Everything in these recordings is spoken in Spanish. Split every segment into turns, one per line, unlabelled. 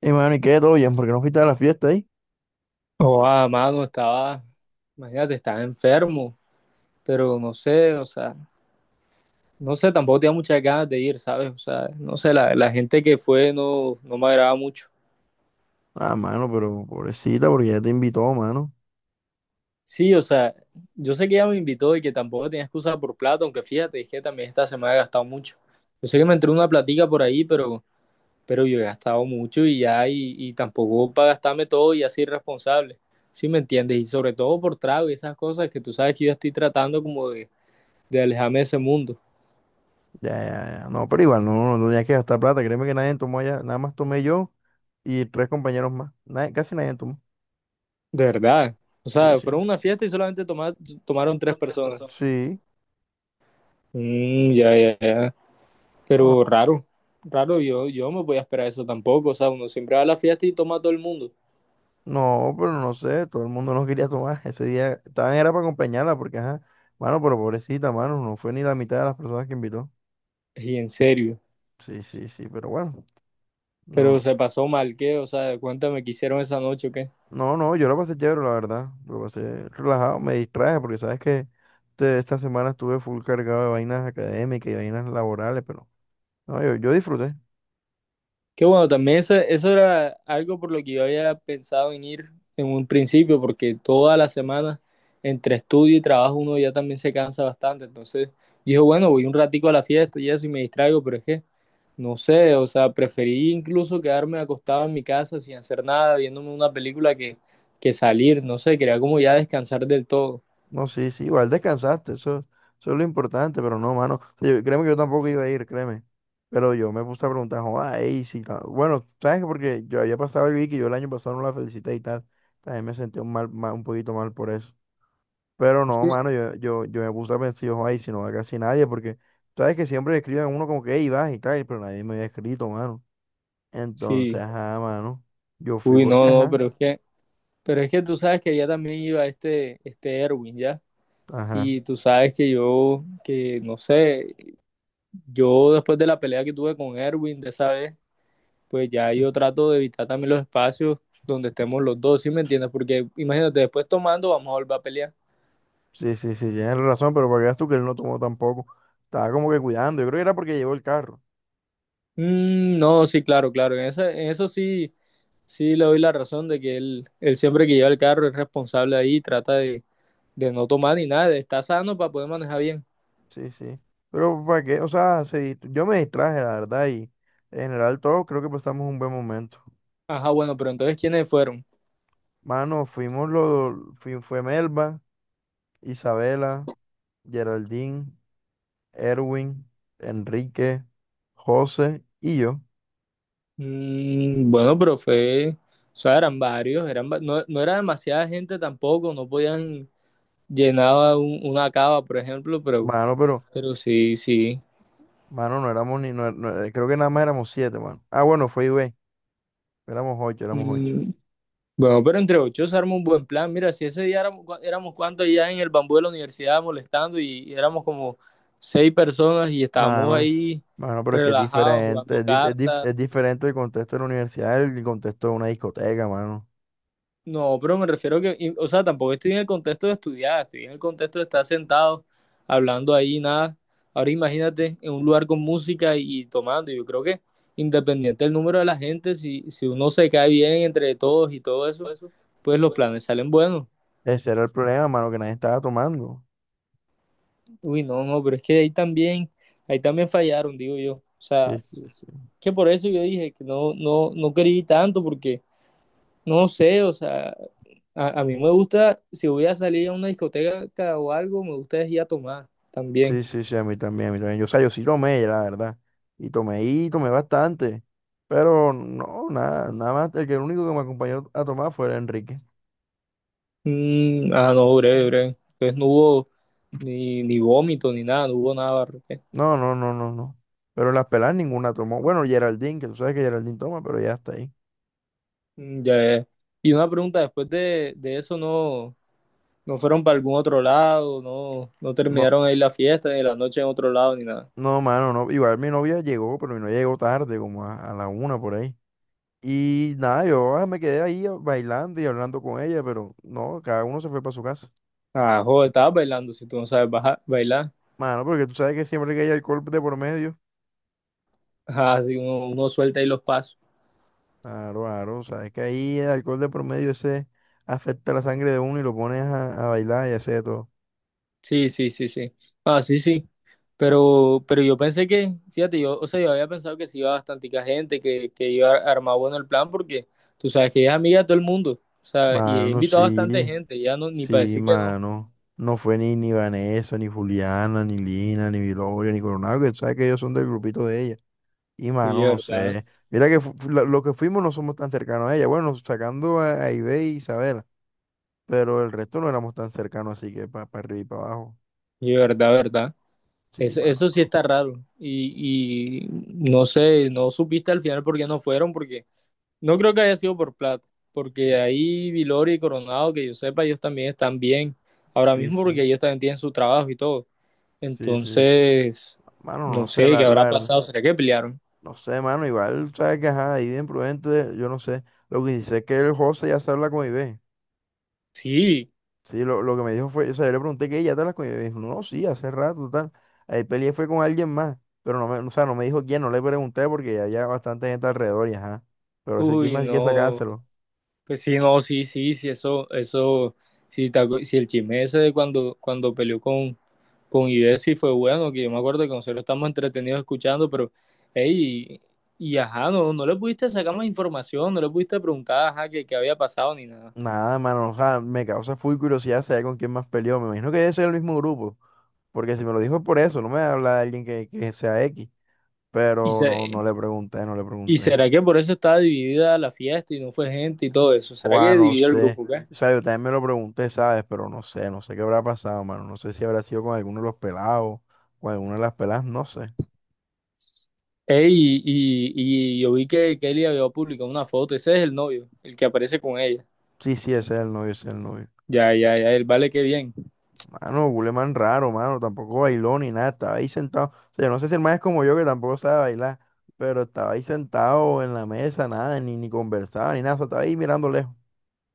Y mano, ¿y qué? ¿Todo bien? ¿Por qué no fuiste a la fiesta ahí?
Oh, amado, estaba, imagínate, estaba enfermo, pero no sé, o sea, no sé, tampoco tenía muchas ganas de ir, ¿sabes? O sea, no sé, la gente que fue no me agradaba mucho.
Ah, mano, pero pobrecita, porque ya te invitó, mano.
Sí, o sea, yo sé que ella me invitó y que tampoco tenía excusa por plata, aunque fíjate, es que también esta semana he gastado mucho. Yo sé que me entró una platica por ahí, pero yo he gastado mucho y ya, y tampoco para gastarme todo y así irresponsable, ¿sí me entiendes? Y sobre todo por trago y esas cosas que tú sabes que yo estoy tratando como de alejarme de ese mundo.
Ya, ya, ya. No, pero igual, no, no tenías que gastar plata. Créeme que nadie tomó allá. Nada más tomé yo y tres compañeros más. Casi nadie tomó.
De verdad. O
Sí,
sea, fueron
sí.
a una fiesta y solamente tomaron tres personas.
Sí.
Mm, ya, ya, ya. Pero
No,
raro, raro, yo no me voy a esperar eso tampoco. O sea, uno siempre va a la fiesta y toma a todo el mundo.
No, pero no sé. Todo el mundo no quería tomar. Ese día estaban era para acompañarla, porque, ajá. Mano, pero pobrecita, mano. No fue ni la mitad de las personas que invitó.
Y en serio.
Sí, sí, sí, pero bueno.
Pero
No,
se pasó mal, ¿qué? O sea, cuéntame qué hicieron esa noche, o ¿qué?
no, no. Yo lo pasé chévere, la verdad. Lo pasé relajado. Me distraje, porque sabes que. Esta semana estuve full cargado de vainas académicas y vainas laborales, pero no, yo disfruté.
Que bueno, también eso era algo por lo que yo había pensado en ir en un principio, porque toda la semana entre estudio y trabajo uno ya también se cansa bastante. Entonces, dijo, bueno, voy un ratico a la fiesta y eso y me distraigo, pero es que no sé, o sea, preferí incluso quedarme acostado en mi casa sin hacer nada, viéndome una película que salir, no sé, quería como ya descansar del todo.
No, sí, sí, igual descansaste, eso es lo importante, pero no, mano. Sí, créeme que yo tampoco iba a ir, créeme. Pero yo me puse a preguntar, ay, sí, bueno, ¿sabes qué? Porque yo había pasado el Vicky, yo el año pasado no la felicité y tal. También me sentí un, un poquito mal por eso. Pero
Es
no,
que-
mano, yo me puse a pensar, yo, ay, si no va casi nadie, porque sabes que siempre escriben a uno como que, hey, vas y tal, pero nadie me había escrito, mano.
Sí,
Entonces, ajá, mano. Yo fui
uy,
porque,
no, no,
ajá,
pero es que tú sabes que allá también iba este Erwin, ¿ya?
ajá.
Y tú sabes que yo, que no sé, yo después de la pelea que tuve con Erwin de esa vez, pues ya
Sí,
yo trato de evitar también los espacios donde estemos los dos, ¿sí me entiendes? Porque imagínate, después tomando vamos a volver a pelear.
sí, sí, sí, tienes razón, pero para que veas tú que él no tomó tampoco. Estaba como que cuidando. Yo creo que era porque llevó el carro.
Mm, no, sí, claro, claro. En eso sí, sí le doy la razón de que él siempre que lleva el carro es responsable ahí, trata de no tomar ni nada, está sano para poder manejar bien.
Sí, sí. Pero para qué, o sea, yo me distraje, la verdad, y en general todos creo que pasamos un buen momento.
Ajá, bueno, pero entonces ¿quiénes fueron?
Mano, fue Melba, Isabela, Geraldine, Erwin, Enrique, José y yo.
Mm, bueno, pero fue, o sea, eran varios, no, no era demasiada gente tampoco, no podían llenar una cava, por ejemplo,
Mano, pero,
pero sí, sí.
mano, no éramos ni, creo que nada más éramos siete, mano. Ah, bueno, fue Ibe. Éramos ocho, éramos ocho.
Mm, bueno, pero entre ocho se arma un buen plan. Mira, si ese día éramos, éramos cuantos allá en el bambú de la universidad molestando y éramos como seis personas y estábamos
Mano,
ahí
Mano, pero es que es
relajados
diferente.
jugando
Es,
cartas.
es diferente el contexto de la universidad, el contexto de una discoteca, mano.
No, pero me refiero que, o sea, tampoco estoy en el contexto de estudiar, estoy en el contexto de estar sentado hablando ahí, nada. Ahora imagínate en un lugar con música y tomando. Yo creo que independiente del número de la gente, si uno se cae bien entre todos y todo eso, pues los planes salen buenos.
Ese era el problema, mano, que nadie estaba tomando.
Uy, no, no, pero es que ahí también fallaron, digo yo. O
Sí,
sea,
sí, sí.
que por eso yo dije que no, no, no quería ir tanto, porque no sé, o sea, a mí me gusta, si voy a salir a una discoteca o algo, me gusta es ir a tomar también.
Sí, sí, sí, a mí también, a mí también. Yo, o sea, yo sí tomé, la verdad. Y tomé bastante. Pero no, nada más. El único que me acompañó a tomar fue el Enrique.
Mm, ah, no, breve, breve. Entonces no hubo ni, ni vómito ni nada, no hubo nada, Barrote.
No, no, no, no, no. Pero las pelas ninguna tomó. Bueno, Geraldine, que tú sabes que Geraldine toma, pero ya está ahí.
Mm, ya, ya. Y una pregunta, después de eso no, no fueron para algún otro lado, no, no
No,
terminaron ahí la fiesta, ni la noche en otro lado, ni nada.
No, mano, no. Igual mi novia llegó, pero mi novia llegó tarde, como a la una por ahí. Y nada, yo ah, me quedé ahí bailando y hablando con ella, pero no, cada uno se fue para su casa.
Ah, joder, estabas bailando si tú no sabes bailar.
Mano, porque tú sabes que siempre que hay alcohol de por medio,
Ajá, así uno, uno suelta ahí los pasos.
claro, claro, sabes que ahí el alcohol de por medio ese afecta la sangre de uno y lo pones a bailar y hacer de todo.
Sí, sí, sí, sí. Ah, sí, sí. Pero yo pensé que, fíjate, yo, o sea, yo había pensado que sí iba bastante gente, que iba a armar bueno el plan, porque tú sabes que ella es amiga de todo el mundo. O sea, y ella
Mano,
invitó a bastante
sí,
gente, ya no, ni para
sí,
decir que no.
mano. No fue ni, ni Vanessa, ni Juliana, ni Lina, ni Viloria, ni Coronado, que tú sabes que ellos son del grupito de ella. Y mano,
Oye,
no
verdad,
sé. Mira que lo que fuimos no somos tan cercanos a ella. Bueno, sacando a Ibe y Isabela. Pero el resto no éramos tan cercanos, así que para arriba y para abajo.
oye, verdad, verdad.
Sí,
Eso,
mano.
eso sí está raro. Y no sé, no supiste al final por qué no fueron, porque no creo que haya sido por plata, porque
Mm,
ahí Vilori y Coronado, que yo sepa, ellos también están bien ahora
Sí,
mismo
sí.
porque ellos también tienen su trabajo y todo.
Sí, sí.
Entonces,
Mano, no
no
sé,
sé qué
la
habrá
verdad.
pasado, ¿será que pelearon?
No sé, mano. Igual, sabes que ajá, ahí de imprudente, yo no sé. Lo que dice es que el José ya se habla con Ibe.
Sí,
Sí, lo que me dijo fue, o sea, yo le pregunté que ella te las comió. Me dijo, no, sí, hace rato, tal. Ahí peleé fue con alguien más. Pero no me, o sea, no me dijo quién, no le pregunté porque ya había bastante gente alrededor y ajá. Pero ese
uy,
chisme hay que
no.
sacárselo.
Pues sí, no, sí, sí, sí, eso, sí, sí, el chisme ese de cuando, cuando peleó con Idesi fue bueno, que yo me acuerdo que nosotros estamos entretenidos escuchando, pero, hey, y ajá, no, no le pudiste sacar más información, no le pudiste preguntar, ajá, qué, qué había pasado ni nada.
Nada, mano, o sea, me causa full curiosidad saber con quién más peleó. Me imagino que debe ser el mismo grupo. Porque si me lo dijo es por eso, no me habla de alguien que sea X.
Y,
Pero no,
se-
no le pregunté, no le
y
pregunté.
será que por eso estaba dividida la fiesta y no fue gente y todo eso, será que
Juan, no
dividió el
sé.
grupo, ¿qué?
O sea, yo también me lo pregunté, ¿sabes? Pero no sé, no sé qué habrá pasado, mano. No sé si habrá sido con alguno de los pelados, con alguna de las peladas, no sé.
Ey, y, y yo vi que Kelly había publicado una foto, ese es el novio, el que aparece con ella.
Sí, sí, ese es el novio, ese es el novio.
Ya, ya, ya, el vale, qué bien.
Mano, Guleman raro, mano. Tampoco bailó ni nada. Estaba ahí sentado. O sea, yo no sé si el man es como yo que tampoco sabe bailar, pero estaba ahí sentado en la mesa, nada, ni, ni conversaba, ni nada. Solo estaba ahí mirando lejos.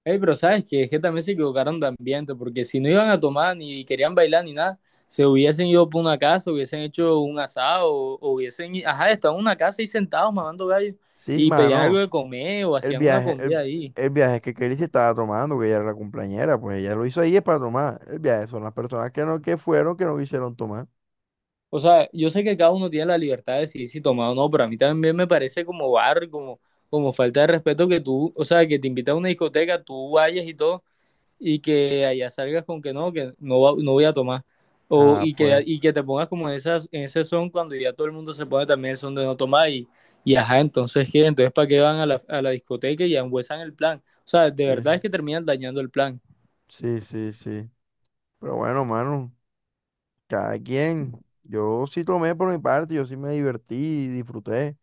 Ey, pero sabes que es que también se equivocaron de ambiente, porque si no iban a tomar ni querían bailar ni nada, se hubiesen ido por una casa, hubiesen hecho un asado, o hubiesen, ajá, estaban en una casa ahí sentados mamando gallo
Sí,
y pedían algo
mano.
de comer o
el
hacían una
viaje, el,
comida ahí.
el viaje que Kelly se estaba tomando, que ella era la cumpleañera, pues ella lo hizo ahí es para tomar. El viaje son las personas que no, que fueron, que no quisieron tomar.
O sea, yo sé que cada uno tiene la libertad de decidir si tomar o no, pero a mí también me parece como barrio, como, como falta de respeto que tú, o sea, que te invitan a una discoteca, tú vayas y todo y que allá salgas con que no, no voy a tomar.
Ah, pues,
Y que te pongas como en ese son cuando ya todo el mundo se pone también el son de no tomar y ajá, entonces ¿qué? Entonces ¿para qué van a a la discoteca y ambuesan el plan? O sea, de verdad
sí,
es que terminan dañando el plan.
sí, sí, sí. Pero bueno, mano, cada quien. Yo sí tomé por mi parte, yo sí me divertí y disfruté.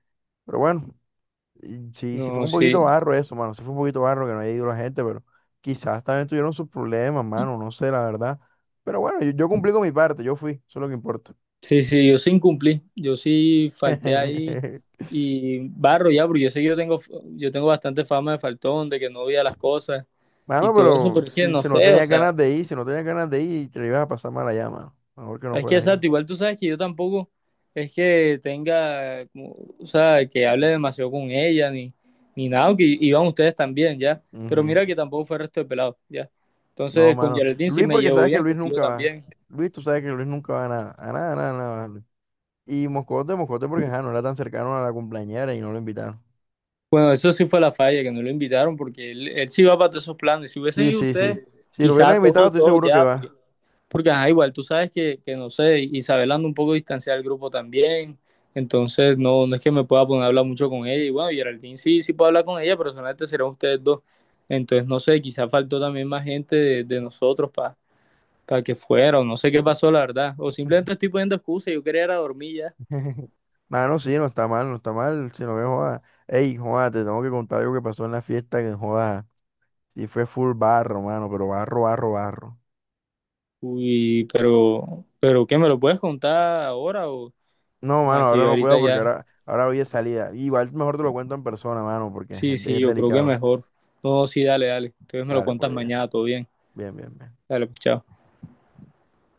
Pero bueno, y sí, sí fue
No,
un
sí,
poquito barro eso, mano. Sí fue un poquito barro que no haya ido la gente, pero quizás también tuvieron sus problemas, mano. No sé, la verdad. Pero bueno, yo cumplí con mi parte, yo fui, eso es lo que importa.
sí, sí, yo sí incumplí, yo sí falté ahí y barro ya, porque yo sé que yo tengo bastante fama de faltón, de que no veía las cosas y
Mano,
todo eso,
pero
pero es que
si,
no
si no
sé, o
tenías
sea.
ganas de ir, si no tenías ganas de ir, te la ibas a pasar mal allá, mano. Mejor que no
Es que
fueras yo.
exacto, igual tú sabes que yo tampoco es que tenga, como, o sea, que hable demasiado con ella, ni nada, que iban ustedes también, ¿ya? Pero
Ujú.
mira que tampoco fue el resto de pelados, ¿ya?
No,
Entonces, con
mano.
Geraldine sí
Luis,
me
porque
llevo
sabes que
bien,
Luis
contigo
nunca va.
también.
Luis, tú sabes que Luis nunca va a nada. A nada, a nada, a nada. Va Luis. Y Moscote, Moscote, porque ajá, no era tan cercano a la cumpleañera y no lo invitaron.
Bueno, eso sí fue la falla, que no lo invitaron, porque él sí va para todos esos planes. Si hubiesen
Sí,
ido
sí, sí.
ustedes,
Si lo hubieran
quizá
invitado,
todos,
estoy
todos
seguro que
ya, porque
va.
porque, ajá, igual, tú sabes que no sé, Isabel anda un poco distanciada del grupo también, entonces no, no es que me pueda poner a hablar mucho con ella. Y bueno, Geraldine sí, sí puedo hablar con ella, pero solamente serán ustedes dos. Entonces, no sé, quizás faltó también más gente de nosotros para que fuera, o no sé qué pasó, la verdad. O simplemente estoy poniendo excusas, yo quería ir a dormir ya.
Mano, sí, no está mal, no está mal. Si no ves, joda. Ey, joda, te tengo que contar algo que pasó en la fiesta, que joda. Sí, fue full barro, mano, pero barro, barro, barro.
Uy, pero ¿qué me lo puedes contar ahora
No,
o
mano,
aquí
ahora no
ahorita
puedo porque
ya?
ahora hoy es salida. Igual mejor te lo cuento en persona, mano, porque
Sí, sí,
es
yo creo que
delicado.
mejor. No, sí, dale, dale. Entonces me lo
Dale,
cuentas
pues bien,
mañana, todo bien.
bien, bien. Bien.
Dale, pues, chao.